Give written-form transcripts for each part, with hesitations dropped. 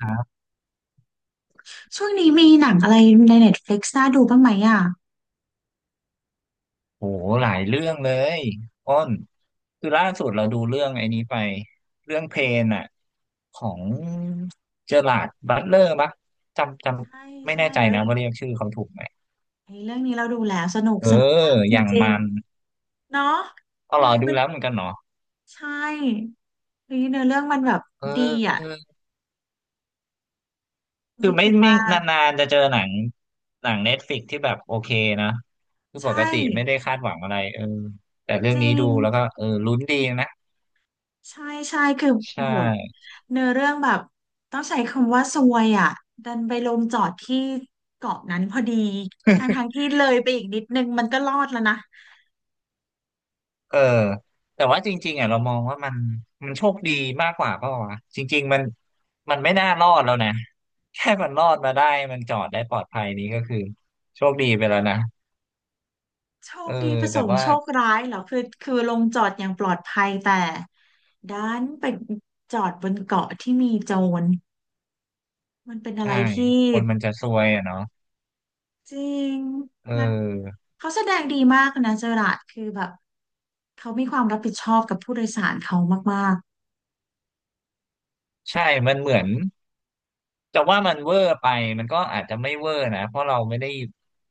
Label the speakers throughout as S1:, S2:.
S1: ครับ
S2: ช่วงนี้มีหนังอะไรใน Netflix น่าดูบ้างไหมอ่ะ
S1: โหหลายเรื่องเลยอ้นคือล่าสุดเราดูเรื่องไอ้นี้ไปเรื่องเพลนอะของเจอราร์ดบัตเลอร์ปะจำจ
S2: ใช่
S1: ำไม่
S2: ใช่
S1: แน่ใจ
S2: เอ้ย
S1: นะว่าเรียกชื่อเขาถูกไหม
S2: ไอ้เรื่องนี้เราดูแล้วสนุก
S1: เออ
S2: สนุกมากจ
S1: อย่าง
S2: ริง
S1: มัน
S2: ๆเนาะ
S1: ก็
S2: เฮ้
S1: รอ
S2: ย
S1: ดู
S2: มัน
S1: แล้วเหมือนกันเนาะ
S2: ใช่เฮ้ยเนื้อเรื่องมันแบบ
S1: เ
S2: ดีอ่ะ
S1: ออคื
S2: ไม่
S1: อไม่
S2: คิด
S1: ไม่
S2: ว่า
S1: นานๆจะเจอหนังเน็ตฟลิกที่แบบโอเคนะคือป
S2: ใช่
S1: กติไม่ได้คาดหวังอะไรเออแต่เรื่อ
S2: จ
S1: ง
S2: ริ
S1: นี้ดู
S2: ง
S1: แล้วก็เออลุ้นดีนะ
S2: ใช่ใช่คือ
S1: ใช่
S2: โอ้โหเนื้อเรื่องแบบต้องใช้คำว่าซวยอ่ะดันไปลงจอดที่เกาะนั้นพอดีทางๆที่เลยไปอีกนิดนึงมันก็รอดแล้วนะ
S1: เออแต่ว่าจริงๆอ่ะเรามองว่ามันโชคดีมากกว่าเปล่าวะจริงๆมันไม่น่ารอดแล้วนะ แค่มันรอดมาได้มันจอดได้ปลอดภัยนี้ก็คือโชคดีไปแล้วนะ
S2: โช
S1: เอ
S2: ค
S1: อ
S2: ดีผส
S1: แต่
S2: ม
S1: ว่า
S2: โชคร้ายเหรอคือลงจอดอย่างปลอดภัยแต่ดันไปจอดบนเกาะที่มีโจรมันเป็นอะไร
S1: ใช่
S2: ที่
S1: คนมันจะซวยอ่ะเนาะ
S2: จริง
S1: เ
S2: แัก
S1: ออ
S2: เขาแสดงดีมากนะเจอราร์ดคือแบบเขามีความรับผิดชอบกับผู้โดยสารเขามาก
S1: ใช่มันเหมือนแต่ว่ามันเวอร์ไปมันก็อาจจะไม่เวอร์นะเพราะเราไม่ได้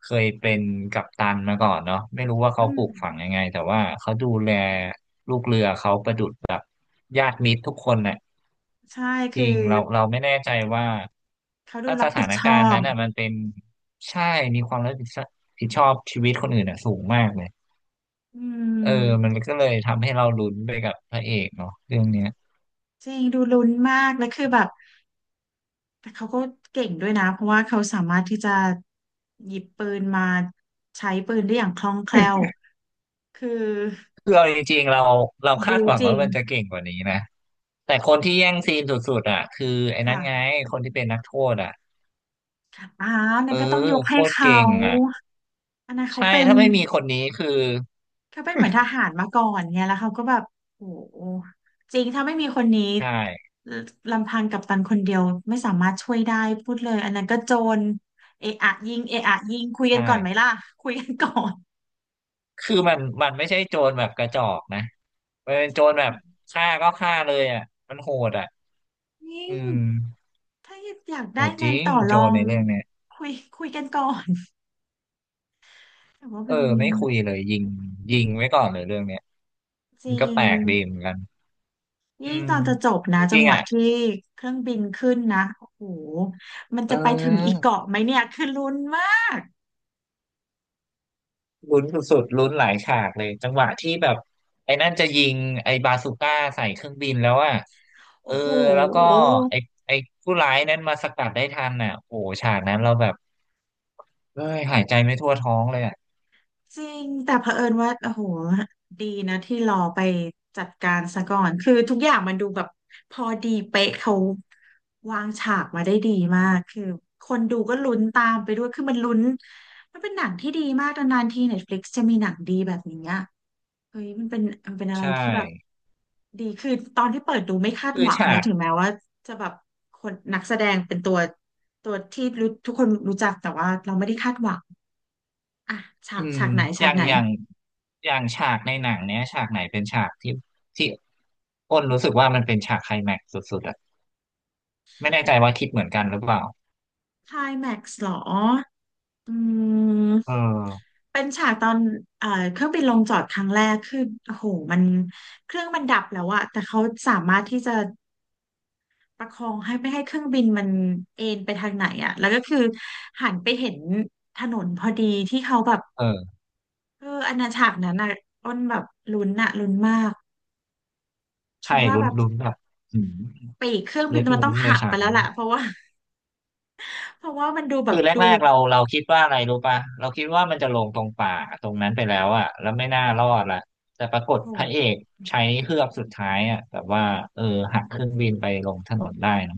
S1: เคยเป็นกัปตันมาก่อนเนาะไม่รู้ว่า
S2: ๆอื
S1: เขาป
S2: ม
S1: ลูกฝังยังไงแต่ว่าเขาดูแลลูกเรือเขาประดุจแบบญาติมิตรทุกคนน่ะ
S2: ใช่
S1: จ
S2: คือ
S1: ริงเราไม่แน่ใจว่า
S2: เขาดู
S1: ถ้าส
S2: รับผิ
S1: ถา
S2: ด
S1: น
S2: ช
S1: กา
S2: อ
S1: รณ์
S2: บ
S1: นั้นอ่ะมันเป็นใช่มีความรับผิดชอบผิดชอบชีวิตคนอื่นอ่ะสูงมากเลย
S2: อื
S1: เออมัน
S2: ม
S1: ก็เลยทำให้เราลุ้นไปกับพระเอกเนาะเรื่องเนี้ย
S2: จริงดูลุ้นมากแล้วคือแบบ แต่เขาก็เก่งด้วยนะเพราะว่าเขาสามารถที่จะหยิบปืนมาใช้ปืนได้อย่างคล่องแคล่วคือ
S1: คือเอาจริงๆเราคา
S2: บู
S1: ดหวัง
S2: จริ
S1: ว่า
S2: ง
S1: มันจะเก่งกว่านี้นะแต่คนที่แย่งซีนสุดๆอ่ะคือไอ้นั้นไง
S2: ค่ะ
S1: คนที่เป็นนักโทษอ่ะ
S2: อ่า
S1: เอ
S2: นั่
S1: อ
S2: นก็ต้องยก
S1: โค
S2: ให้
S1: ตร
S2: เขา
S1: เก่งอ่ะ
S2: อันนั้นเขา
S1: ใช่
S2: เป็น
S1: ถ้าไม่มีคนนี้คือ
S2: เขาเป็นเหมือนทหารมาก่อนไงแล้วเขาก็แบบโอ้โหจริงถ้าไม่มีคนนี้
S1: ใช่
S2: ลำพังกัปตันคนเดียวไม่สามารถช่วยได้พูดเลยอันนั้นก็โจรเอะอะยิงเอะอะยิงคุยกั
S1: ใช่
S2: นก่อนไหมล่ะคุยกันก่อน
S1: คือมันไม่ใช่โจรแบบกระจอกนะ เป็นโจรแบบฆ่าก็ฆ่าเลยอ่ะมันโหดอ่ะ
S2: จริง
S1: อืม
S2: ถ้าอยาก
S1: โห
S2: ได้
S1: ดจ
S2: งา
S1: ริ
S2: น
S1: ง
S2: ต่อ
S1: โจ
S2: ร
S1: ร
S2: อง
S1: ในเรื่องเนี้ย
S2: คุยคุยกันก่อน แต่ว่า
S1: เอ
S2: เป็
S1: อ
S2: น
S1: ไม่คุยเลยยิงยิงไว้ก่อนเลยเรื่องเนี้ย
S2: จ
S1: มัน
S2: ริ
S1: ก็แป
S2: ง
S1: ลกดีเหมือนกันอื
S2: ยิ่ง
S1: ม
S2: ตอนจะจบ
S1: จ
S2: นะจัง
S1: ริง
S2: ห
S1: ๆ
S2: วะ
S1: อ่ะ
S2: ที่เครื่องบินขึ้นนะโอ้โหมัน
S1: เ
S2: จะไปถึงอีก
S1: ออ
S2: เกาะไหมเนี่ยคือลุ้นมาก
S1: ลุ้นสุดๆลุ้นหลายฉากเลยจังหวะที่แบบไอ้นั่นจะยิงไอ้บาซูก้าใส่เครื่องบินแล้วอ่ะเอ
S2: โอ้
S1: อ
S2: โห
S1: แล้วก็ไอ้ไอ้ผู้ร้ายนั้นมาสกัดได้ทันอ่ะโอ้โหฉากนั้นเราแบบเอ้ยหายใจไม่ทั่วท้องเลยอ่ะ
S2: จริง แต่เผอิญว่า โอ้โหดีนะที่รอไปจัดการซะก่อนคือทุกอย่างมันดูแบบพอดีเป๊ะเขาวางฉากมาได้ดีมาก คือคนดูก็ลุ้นตามไปด้วยคือมันลุ้นมันเป็นหนังที่ดีมากนานๆที Netflix จะมีหนังดีแบบนี้อะเฮ้ยมันเป็นอะไร
S1: ใช่
S2: ที่แบบดีคือตอนที่เปิดดูไม่คาด
S1: คือ
S2: หวังเล
S1: ฉา
S2: ย
S1: ก
S2: ถึงแม้ว่าจะแบบคนนักแสดงเป็นตัวที่รู้ทุกคนรู้จักแต่ว่าเราไม่ได้คาดหวังอ่ะฉา
S1: อื
S2: ก
S1: ม
S2: ฉากไหน
S1: อ
S2: ฉาก
S1: ย่าง
S2: ไหน
S1: อย่างอย่างฉากในหนังเนี้ยฉากไหนเป็นฉากที่อ้นรู้สึกว่ามันเป็นฉากไคลแม็กซ์สุดๆอะไม่แน่ใจว่าคิดเหมือนกันหรือเปล่า
S2: คลายแม็กซ์หรออืม
S1: เออ
S2: เป็นฉากตอนเครื่องบินลงจอดครั้งแรกคือโอ้โหมันเครื่องมันดับแล้วอะแต่เขาสามารถที่จะประคองให้ไม่ให้เครื่องบินมันเอนไปทางไหนอะแล้วก็คือหันไปเห็นถนนพอดีที่เขาแบบ
S1: เออ
S2: เอออันนั้นฉากนั้นอะอ้นแบบลุ้นอะลุ้นมาก
S1: ใช่
S2: คิดว่า
S1: ลุ้
S2: แบ
S1: น
S2: บ
S1: ลุ้นแบบอืม
S2: ปีกเครื่อง
S1: เล็
S2: บิน
S1: ด
S2: มัน
S1: มุ้
S2: ต้อ
S1: ง
S2: ง
S1: เล
S2: หั
S1: ย
S2: ก
S1: ฉา
S2: ไป
S1: ก
S2: แล้ว
S1: นั้น
S2: แหละเพราะว่ามันดูแบ
S1: คื
S2: บ
S1: อ
S2: ดู
S1: แรกๆเราคิดว่าอะไรรู้ป่ะเราคิดว่ามันจะลงตรงป่าตรงนั้นไปแล้วอะแล้วไม่น่ารอดละแต่ปราก
S2: โอ้
S1: ฏพระ
S2: โห
S1: เอกใช้เฮือกสุดท้ายอะแบบว่าเออหักเครื่องบินไปลงถนนได้เนอะ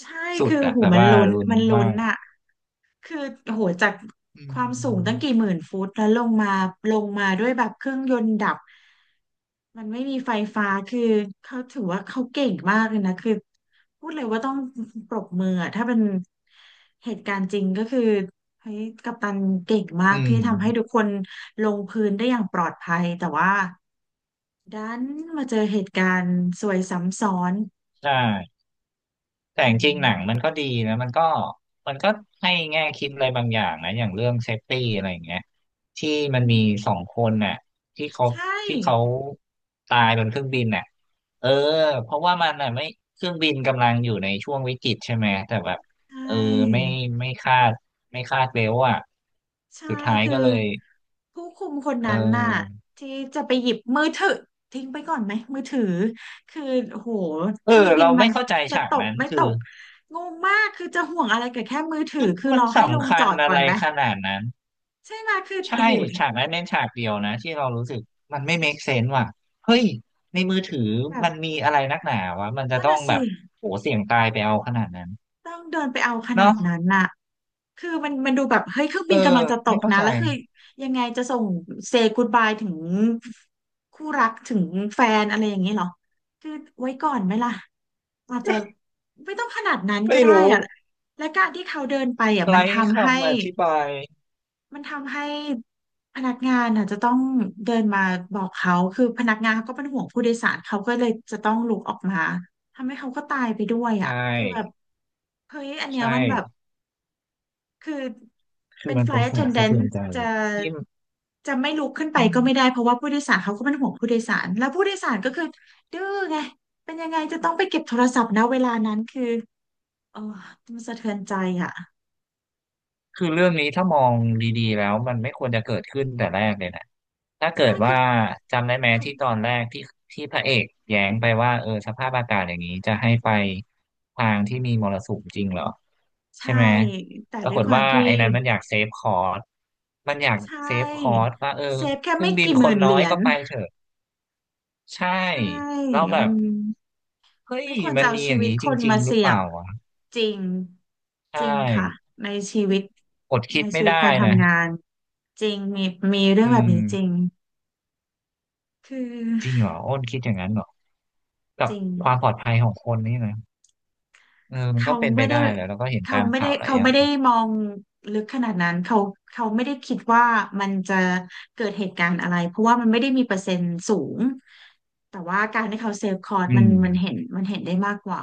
S2: ใช่
S1: สุด
S2: คือโอ้
S1: อะ
S2: โหู
S1: แบบ
S2: มัน
S1: ว่า
S2: ลุ้น
S1: ลุ้น
S2: มันลุ้
S1: มา
S2: น
S1: ก
S2: อะ คือโหจาก
S1: อื
S2: ความสูงตั้งกี่ห
S1: ม
S2: มื่นฟุตแล้วลงมาด้วยแบบเครื่องยนต์ดับมันไม่มีไฟฟ้าคือเขาถือว่าเขาเก่งมากเลยนะคือพูดเลยว่าต้องปรบมืออะถ้าเป็นเหตุการณ์จริงก็คือเฮ้ยกัปตันเก่งมา
S1: อื
S2: กที่
S1: ม
S2: ทำให้ทุกคนลงพื้นได้อย่างปลอดภัยแต่ว่าดันมาเจอเหตุการณ์ซวยซ้ำซ้อน
S1: ใช่แต่
S2: อื
S1: จริงๆหนังมัน
S2: ม
S1: ก็ดีนะมันก็ให้แง่คิดอะไรบางอย่างนะอย่างเรื่องเซฟตี้อะไรอย่างเงี้ยที่มันมีสองคนน่ะที่เขา
S2: ใช่
S1: ที่เขาตายบนเครื่องบินน่ะเออเพราะว่ามันน่ะไม่เครื่องบินกำลังอยู่ในช่วงวิกฤตใช่ไหมแต่แบบ
S2: ใช
S1: เออไม่
S2: ่
S1: ไม่คาดไม่คาดเร็วอ่ะ
S2: ใช่
S1: สุดท้าย
S2: คือ
S1: ก็เลย
S2: ผู้คุมคน
S1: เอ
S2: นั้นน่ะ
S1: อ
S2: ที่จะไปหยิบมือถือทิ้งไปก่อนไหมมือถือคือโหเค
S1: เอ
S2: รื่อ
S1: อ
S2: งบิน
S1: เรา
S2: มั
S1: ไม่
S2: น
S1: เข้าใจ
S2: จะ
S1: ฉา
S2: ต
S1: ก
S2: ก
S1: นั้น
S2: ไม่ต
S1: คือ
S2: กงงมากคือจะห่วงอะไรกับแค่มือถือคือ
S1: มั
S2: เร
S1: น
S2: อให้ลง
S1: สำ
S2: จ
S1: คั
S2: อ
S1: ญ
S2: ด
S1: อะ
S2: ก่อ
S1: ไร
S2: นไหม
S1: ขนาดนั้น
S2: ใช่ไหมคือ
S1: ใช่
S2: โห
S1: ฉากนั้นเน้นฉากเดียวนะที่เรารู้สึกมันไม่ make sense ว่ะเฮ้ยในมือถือ
S2: แบบ
S1: มันมีอะไรนักหนาวะมันจะ
S2: นั่น
S1: ต้อง
S2: น่ะ
S1: แบ
S2: สิ
S1: บโหเสี่ยงตายไปเอาขนาดนั้น
S2: ต้องเดินไปเอาขนา
S1: เนาะ
S2: ดนั้นน่ะคือมันดูแบบเฮ้ยเครื่อง
S1: เอ
S2: บิ
S1: อ
S2: นกำลังจะต
S1: ไม่
S2: ก
S1: เข้า
S2: นะ
S1: ใจ
S2: แล้วคือยังไงจะส่งเซ y g กูดบายถึงคู่รักถึงแฟนอะไรอย่างนี้เหรอคือไว้ก่อนไหมล่ะอาจจะไม่ต้องขนาดนั้นก็
S1: ไม่
S2: ได้
S1: รู้
S2: อะและการที่เขาเดินไปอ่ะมั
S1: ไร้
S2: นทำให้
S1: คำอธิบาย
S2: มันทำให้พนักงานอ่ะจะต้องเดินมาบอกเขาคือพนักงานเขาก็เป็นห่วงผู้โดยสารเขาก็เลยจะต้องลุกออกมาทำให้เขาก็ตายไปด้วยอ่ะ
S1: ใช่
S2: คือแบบเฮ้ยอันเนี้ย
S1: ใช่
S2: มันแบบ คือ
S1: คื
S2: เป็
S1: อ
S2: น
S1: มันเป็น
S2: flight
S1: ฉากสะ
S2: attendant
S1: เทือนใจ
S2: จะ
S1: ที่
S2: จะไม่ลุกขึ้นไปก็ไม่ได้เพราะว่าผู้โดยสารเขาก็เป็นห่วงผู้โดยสารแล้วผู้โดยสารก็คือดื้อไงเป็นยังไงจะต้องไปเก็บโทรศัพท์นะเวลานั้นคือเออมันสะเทือนใจอ่ะ
S1: คือเรื่องนี้ถ้ามองดีๆแล้วมันไม่ควรจะเกิดขึ้นแต่แรกเลยนะถ้าเกิ
S2: ใช่
S1: ด
S2: คื
S1: ว่า
S2: อ
S1: จำได้ไหม
S2: ท
S1: ที่ตอนแรกที่พระเอกแย้งไปว่าเออสภาพอากาศอย่างนี้จะให้ไปทางที่มีมรสุมจริงเหรอ
S2: ำ
S1: ใช่
S2: ใช่
S1: ไหม
S2: แต่
S1: ปรา
S2: ด้ว
S1: ก
S2: ย
S1: ฏ
S2: ความ
S1: ว่า
S2: ที่
S1: ไอ้นั้นมันอยากเซฟคอสมันอยาก
S2: ใช
S1: เซฟคอ
S2: ่
S1: สว่าเออ
S2: เซฟแค่
S1: เครื่อ
S2: ไม่
S1: งบิน
S2: กี่ห
S1: ค
S2: มื่
S1: น
S2: น
S1: น้
S2: เห
S1: อ
S2: รี
S1: ย
S2: ย
S1: ก็
S2: ญ
S1: ไปเถอะใช่
S2: ใช่
S1: เราแล้วแบ
S2: มั
S1: บ
S2: น
S1: เฮ้ย
S2: ไม่ควร
S1: มั
S2: จะ
S1: น
S2: เอา
S1: มีอ
S2: ชี
S1: ย่าง
S2: วิต
S1: นี้
S2: ค
S1: จ
S2: น
S1: ริง
S2: มา
S1: ๆหรือ
S2: เสี่
S1: เป
S2: ยง
S1: ล่าวะ
S2: จริง
S1: ใช
S2: จริงค่ะ
S1: ่
S2: ในชีวิต
S1: อดคิดไม่ได้
S2: การ
S1: นะ
S2: ทำงานจริงมีเรื่อ
S1: อื
S2: งแบบ
S1: ม
S2: นี้จริงคือ
S1: จริงเหรออ้นคิดอย่างนั้นเหรอ กั
S2: จ
S1: บ
S2: ริง
S1: ความปลอดภัยของคนนี่นะเออมันก็
S2: เขา
S1: เป็นไป
S2: ไม่ได้
S1: ได้แหละแล้วก็เห็นตามข่าวหลาย
S2: เขา
S1: อย่า
S2: ไม่
S1: ง
S2: ได้มองลึกขนาดนั้นเขาเขาไม่ได้คิดว่ามันจะเกิดเหตุการณ์อะไรเพราะว่ามันไม่ได้มีเปอร์เซ็นต์สูงแต่ว่าการที่เขาเซฟคอร์ส
S1: อื
S2: มัน
S1: ม
S2: มันเห็นเห็นได้มากกว่า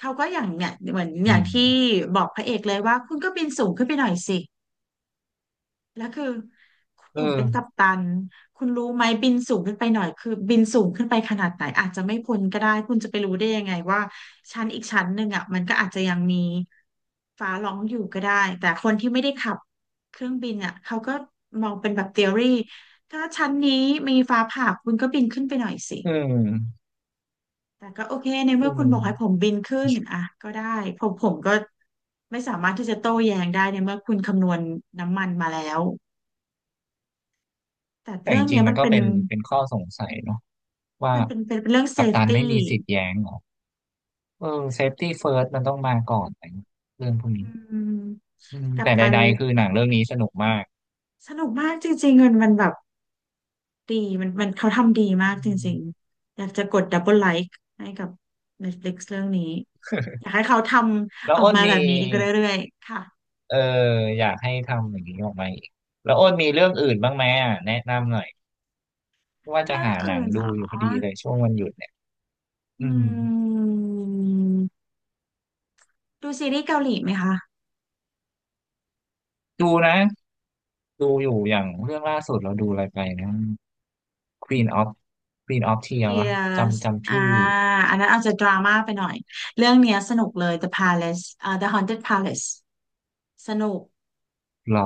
S2: เขาก็อย่างเนี่ยเหมือนอ
S1: อื
S2: ย่าง
S1: ม
S2: ที่บอกพระเอกเลยว่าคุณก็บินสูงขึ้นไปหน่อยสิแล้วคือผ
S1: เอ
S2: ม
S1: อ
S2: เป็นกัปตันคุณรู้ไหมบินสูงขึ้นไปหน่อยคือบินสูงขึ้นไปขนาดไหนอาจจะไม่พ้นก็ได้คุณจะไปรู้ได้ยังไงว่าชั้นอีกชั้นหนึ่งอ่ะมันก็อาจจะยังมีฟ้าร้องอยู่ก็ได้แต่คนที่ไม่ได้ขับเครื่องบินอ่ะเขาก็มองเป็นแบบ t h e o รีถ้าชั้นนี้มีฟ้าผ่าคุณก็บินขึ้นไปหน่อยสิ
S1: เออ
S2: แต่ก็โอเคใน
S1: คื
S2: เมื่
S1: อ
S2: อคุ
S1: มั
S2: ณ
S1: น
S2: บอกให้ผมบินขึ้นอ่ะก็ได้ผมก็ไม่สามารถที่จะโต้แย้งได้ในเมื่อคุณคำนวณน้ำมันมาแล้วแต่
S1: แต่
S2: เรื่
S1: จ
S2: อง
S1: ริ
S2: เนี้
S1: ง
S2: ย
S1: ๆมั
S2: มั
S1: น
S2: น
S1: ก็
S2: เป็น
S1: เป็นข้อสงสัยเนาะว่า
S2: มันเป็นเป็นเป็นเรื่องเซ
S1: กัป
S2: ฟ
S1: ตันไม่
S2: ตี้
S1: มีสิทธิ์แย้งเหรอเออเซฟตี้เฟิร์สมันต้องมาก่อนอะไรเงี้ยเรื่องพวก
S2: อื
S1: นี้
S2: ม
S1: อืม
S2: กัป
S1: แต่
S2: ตัน
S1: ใดๆคือหนังเรื่องนี้สนุกมาก
S2: สนุกมากจริงๆมันมันแบบดีมันเขาทำดีมากจ
S1: อื
S2: ริง
S1: ม
S2: ๆอยากจะกดดับเบิลไลค์ให้กับ Netflix เรื่องนี้อยากให้เขาท
S1: แล้
S2: ำ
S1: ว
S2: ออก
S1: อ้น
S2: มา
S1: มี
S2: แบบนี้อีกเรื่อยๆค่ะ
S1: เอออยากให้ทำอย่างนี้ออกมาอีกแล้วอ้นมีเรื่องอื่นบ้างไหมอ่ะแนะนำหน่อยว่าจะ
S2: เรื่อง
S1: หาหนั
S2: อื่
S1: ง
S2: นเหร
S1: ดูอ
S2: อ
S1: ยู่พอดีเลยช่วงวันหยุด อื
S2: อื
S1: ม
S2: ม ดูซีรีส์เกาหลีไหมคะ
S1: ดูนะดูอยู่อย่างเรื่องล่าสุดเราดูอะไรไปนะ Queen of Queen of tear วะ
S2: Tears
S1: จำ
S2: อ่า
S1: ชื่อ
S2: อันนั้นอาจจะดราม่าไปหน่อย เรื่องเนี้ยสนุกเลย The Palace อ่า The Haunted Palace สนุก
S1: หรอ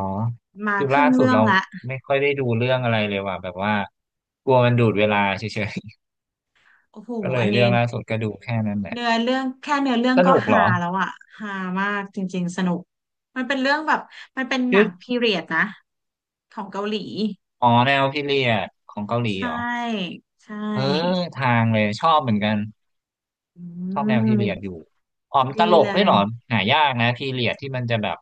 S2: มา
S1: คือ
S2: ค
S1: ล่า
S2: รึ่ง
S1: สุด
S2: เรื่อง
S1: เรา
S2: ละ
S1: ไม่ค่อยได้ดูเรื่องอะไรเลยว่ะแบบว่ากลัวมันดูดเวลาเฉย
S2: โอ้โห
S1: ๆ ก็เล
S2: อั
S1: ย
S2: นนี้
S1: เรื่องล่าสุดก็ดูแค่นั้นแหละ
S2: เนื้อเรื่องแค่เนื้อเรื่อง
S1: ส
S2: ก็
S1: นุกเหร
S2: ฮา
S1: อ
S2: แล้วอะฮามากจริงๆ สนุก มันเป็นเรื่องแบบ มันเป็นห
S1: ชื่
S2: นั
S1: อ
S2: งพีเรียดนะของเกาหลี
S1: อ๋อแนวพีเรียดของเกาหลี
S2: ใช่
S1: เหรอ
S2: ใช่
S1: เออทางเลยชอบเหมือนกัน
S2: อื
S1: ชอบแนวพีเรียด
S2: ม
S1: อยู่อ๋อมนต
S2: ดี
S1: ลก
S2: เล
S1: ด้วย
S2: ย
S1: เหรอหายากนะพีเรียดที่มันจะแบบ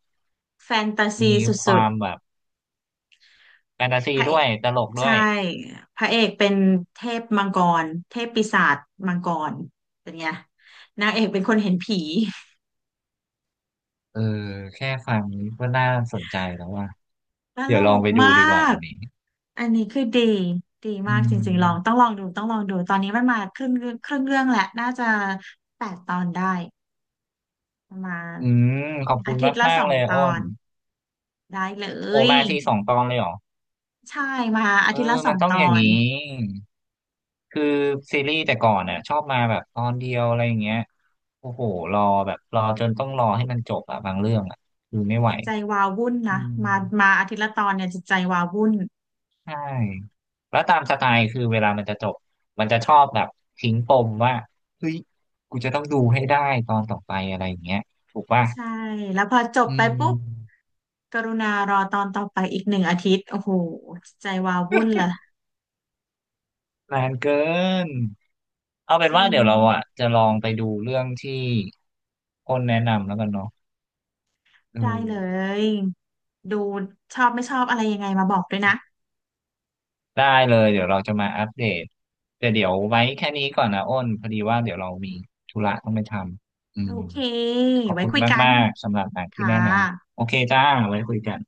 S2: แฟนตาซี
S1: มี
S2: ส
S1: ค
S2: ุด
S1: วามแบบ แฟนตา
S2: ๆ
S1: ซี
S2: พระ
S1: ด้วยตลกด้ว
S2: ใช่
S1: ย
S2: พระเอกเป็นเทพมังกรเทพปีศาจมังกรเป็นไงนางเอกเป็นคนเห็นผี
S1: เออแค่ฟังก็น่าสนใจแล้วว่ะ
S2: ต
S1: เดี๋
S2: ล
S1: ยวลอง
S2: ก
S1: ไปดู
S2: มา
S1: ดีกว่า
S2: ก
S1: วันนี้
S2: อันนี้คือดีดี
S1: อื
S2: มากจริงๆลอง
S1: ม
S2: ต้องลองดูตอนนี้มันมาครึ่งเรื่องแหละน่าจะ8 ตอนได้ประมาณ
S1: อืมขอบคุ
S2: อา
S1: ณ
S2: ทิตย์ละ
S1: มา
S2: ส
S1: กๆ
S2: อง
S1: เลย
S2: ต
S1: อ้
S2: อ
S1: น
S2: นได้เล
S1: โอ
S2: ย
S1: มาทีสองตอนเลยเหรอ
S2: ใช่มาอา
S1: เออ
S2: ทิตย์ละสอ
S1: มัน
S2: ง
S1: ต้อ
S2: ต
S1: งอ
S2: อ
S1: ย่าง
S2: น
S1: นี้คือซีรีส์แต่ก่อนอ่ะชอบมาแบบตอนเดียวอะไรอย่างเงี้ยโอ้โหรอแบบรอจนต้องรอให้มันจบอ่ะบางเรื่องอ่ะคือไม่ไหว
S2: จิตใจวาวุ่น
S1: อื
S2: นะ
S1: ม
S2: มามาอาทิตย์ละตอนเนี่ยจิตใจวาวุ่น
S1: ใช่แล้วตามสไตล์คือเวลามันจะจบ มันจะชอบแบบทิ้งปมว่าเฮ้ยกูจะต้องดูให้ได้ตอนต่อไปอะไรอย่างเงี้ยถูกป่ะ
S2: ใช่แล้วพอจบ
S1: อื
S2: ไปปุ๊บ
S1: ม
S2: กรุณารอตอนต่อไปอีก1 อาทิตย์ โอ้โหใจวาววุ่นละ
S1: นานเกินเอาเป็
S2: จ
S1: นว่า
S2: ริ
S1: เดี๋
S2: ง
S1: ยวเราอ่ะจะลองไปดูเรื่องที่คนแนะนำแล้วกันเนาะอื
S2: ได้เล
S1: ม
S2: ย ดูชอบไม่ชอบอะไรยังไงมาบอกด้วยนะ
S1: ได้เลยเดี๋ยวเราจะมาอัปเดตแต่เดี๋ยวไว้แค่นี้ก่อนนะอ้นพอดีว่าเดี๋ยวเรามีธุระต้องไปทำอื
S2: โอ
S1: ม
S2: เค
S1: ขอบ
S2: ไว้
S1: คุณ
S2: คุยกัน
S1: มากๆ สำหรับหนังที่
S2: ค่ะ
S1: แนะนำโอเคจ้าไว้คุยกัน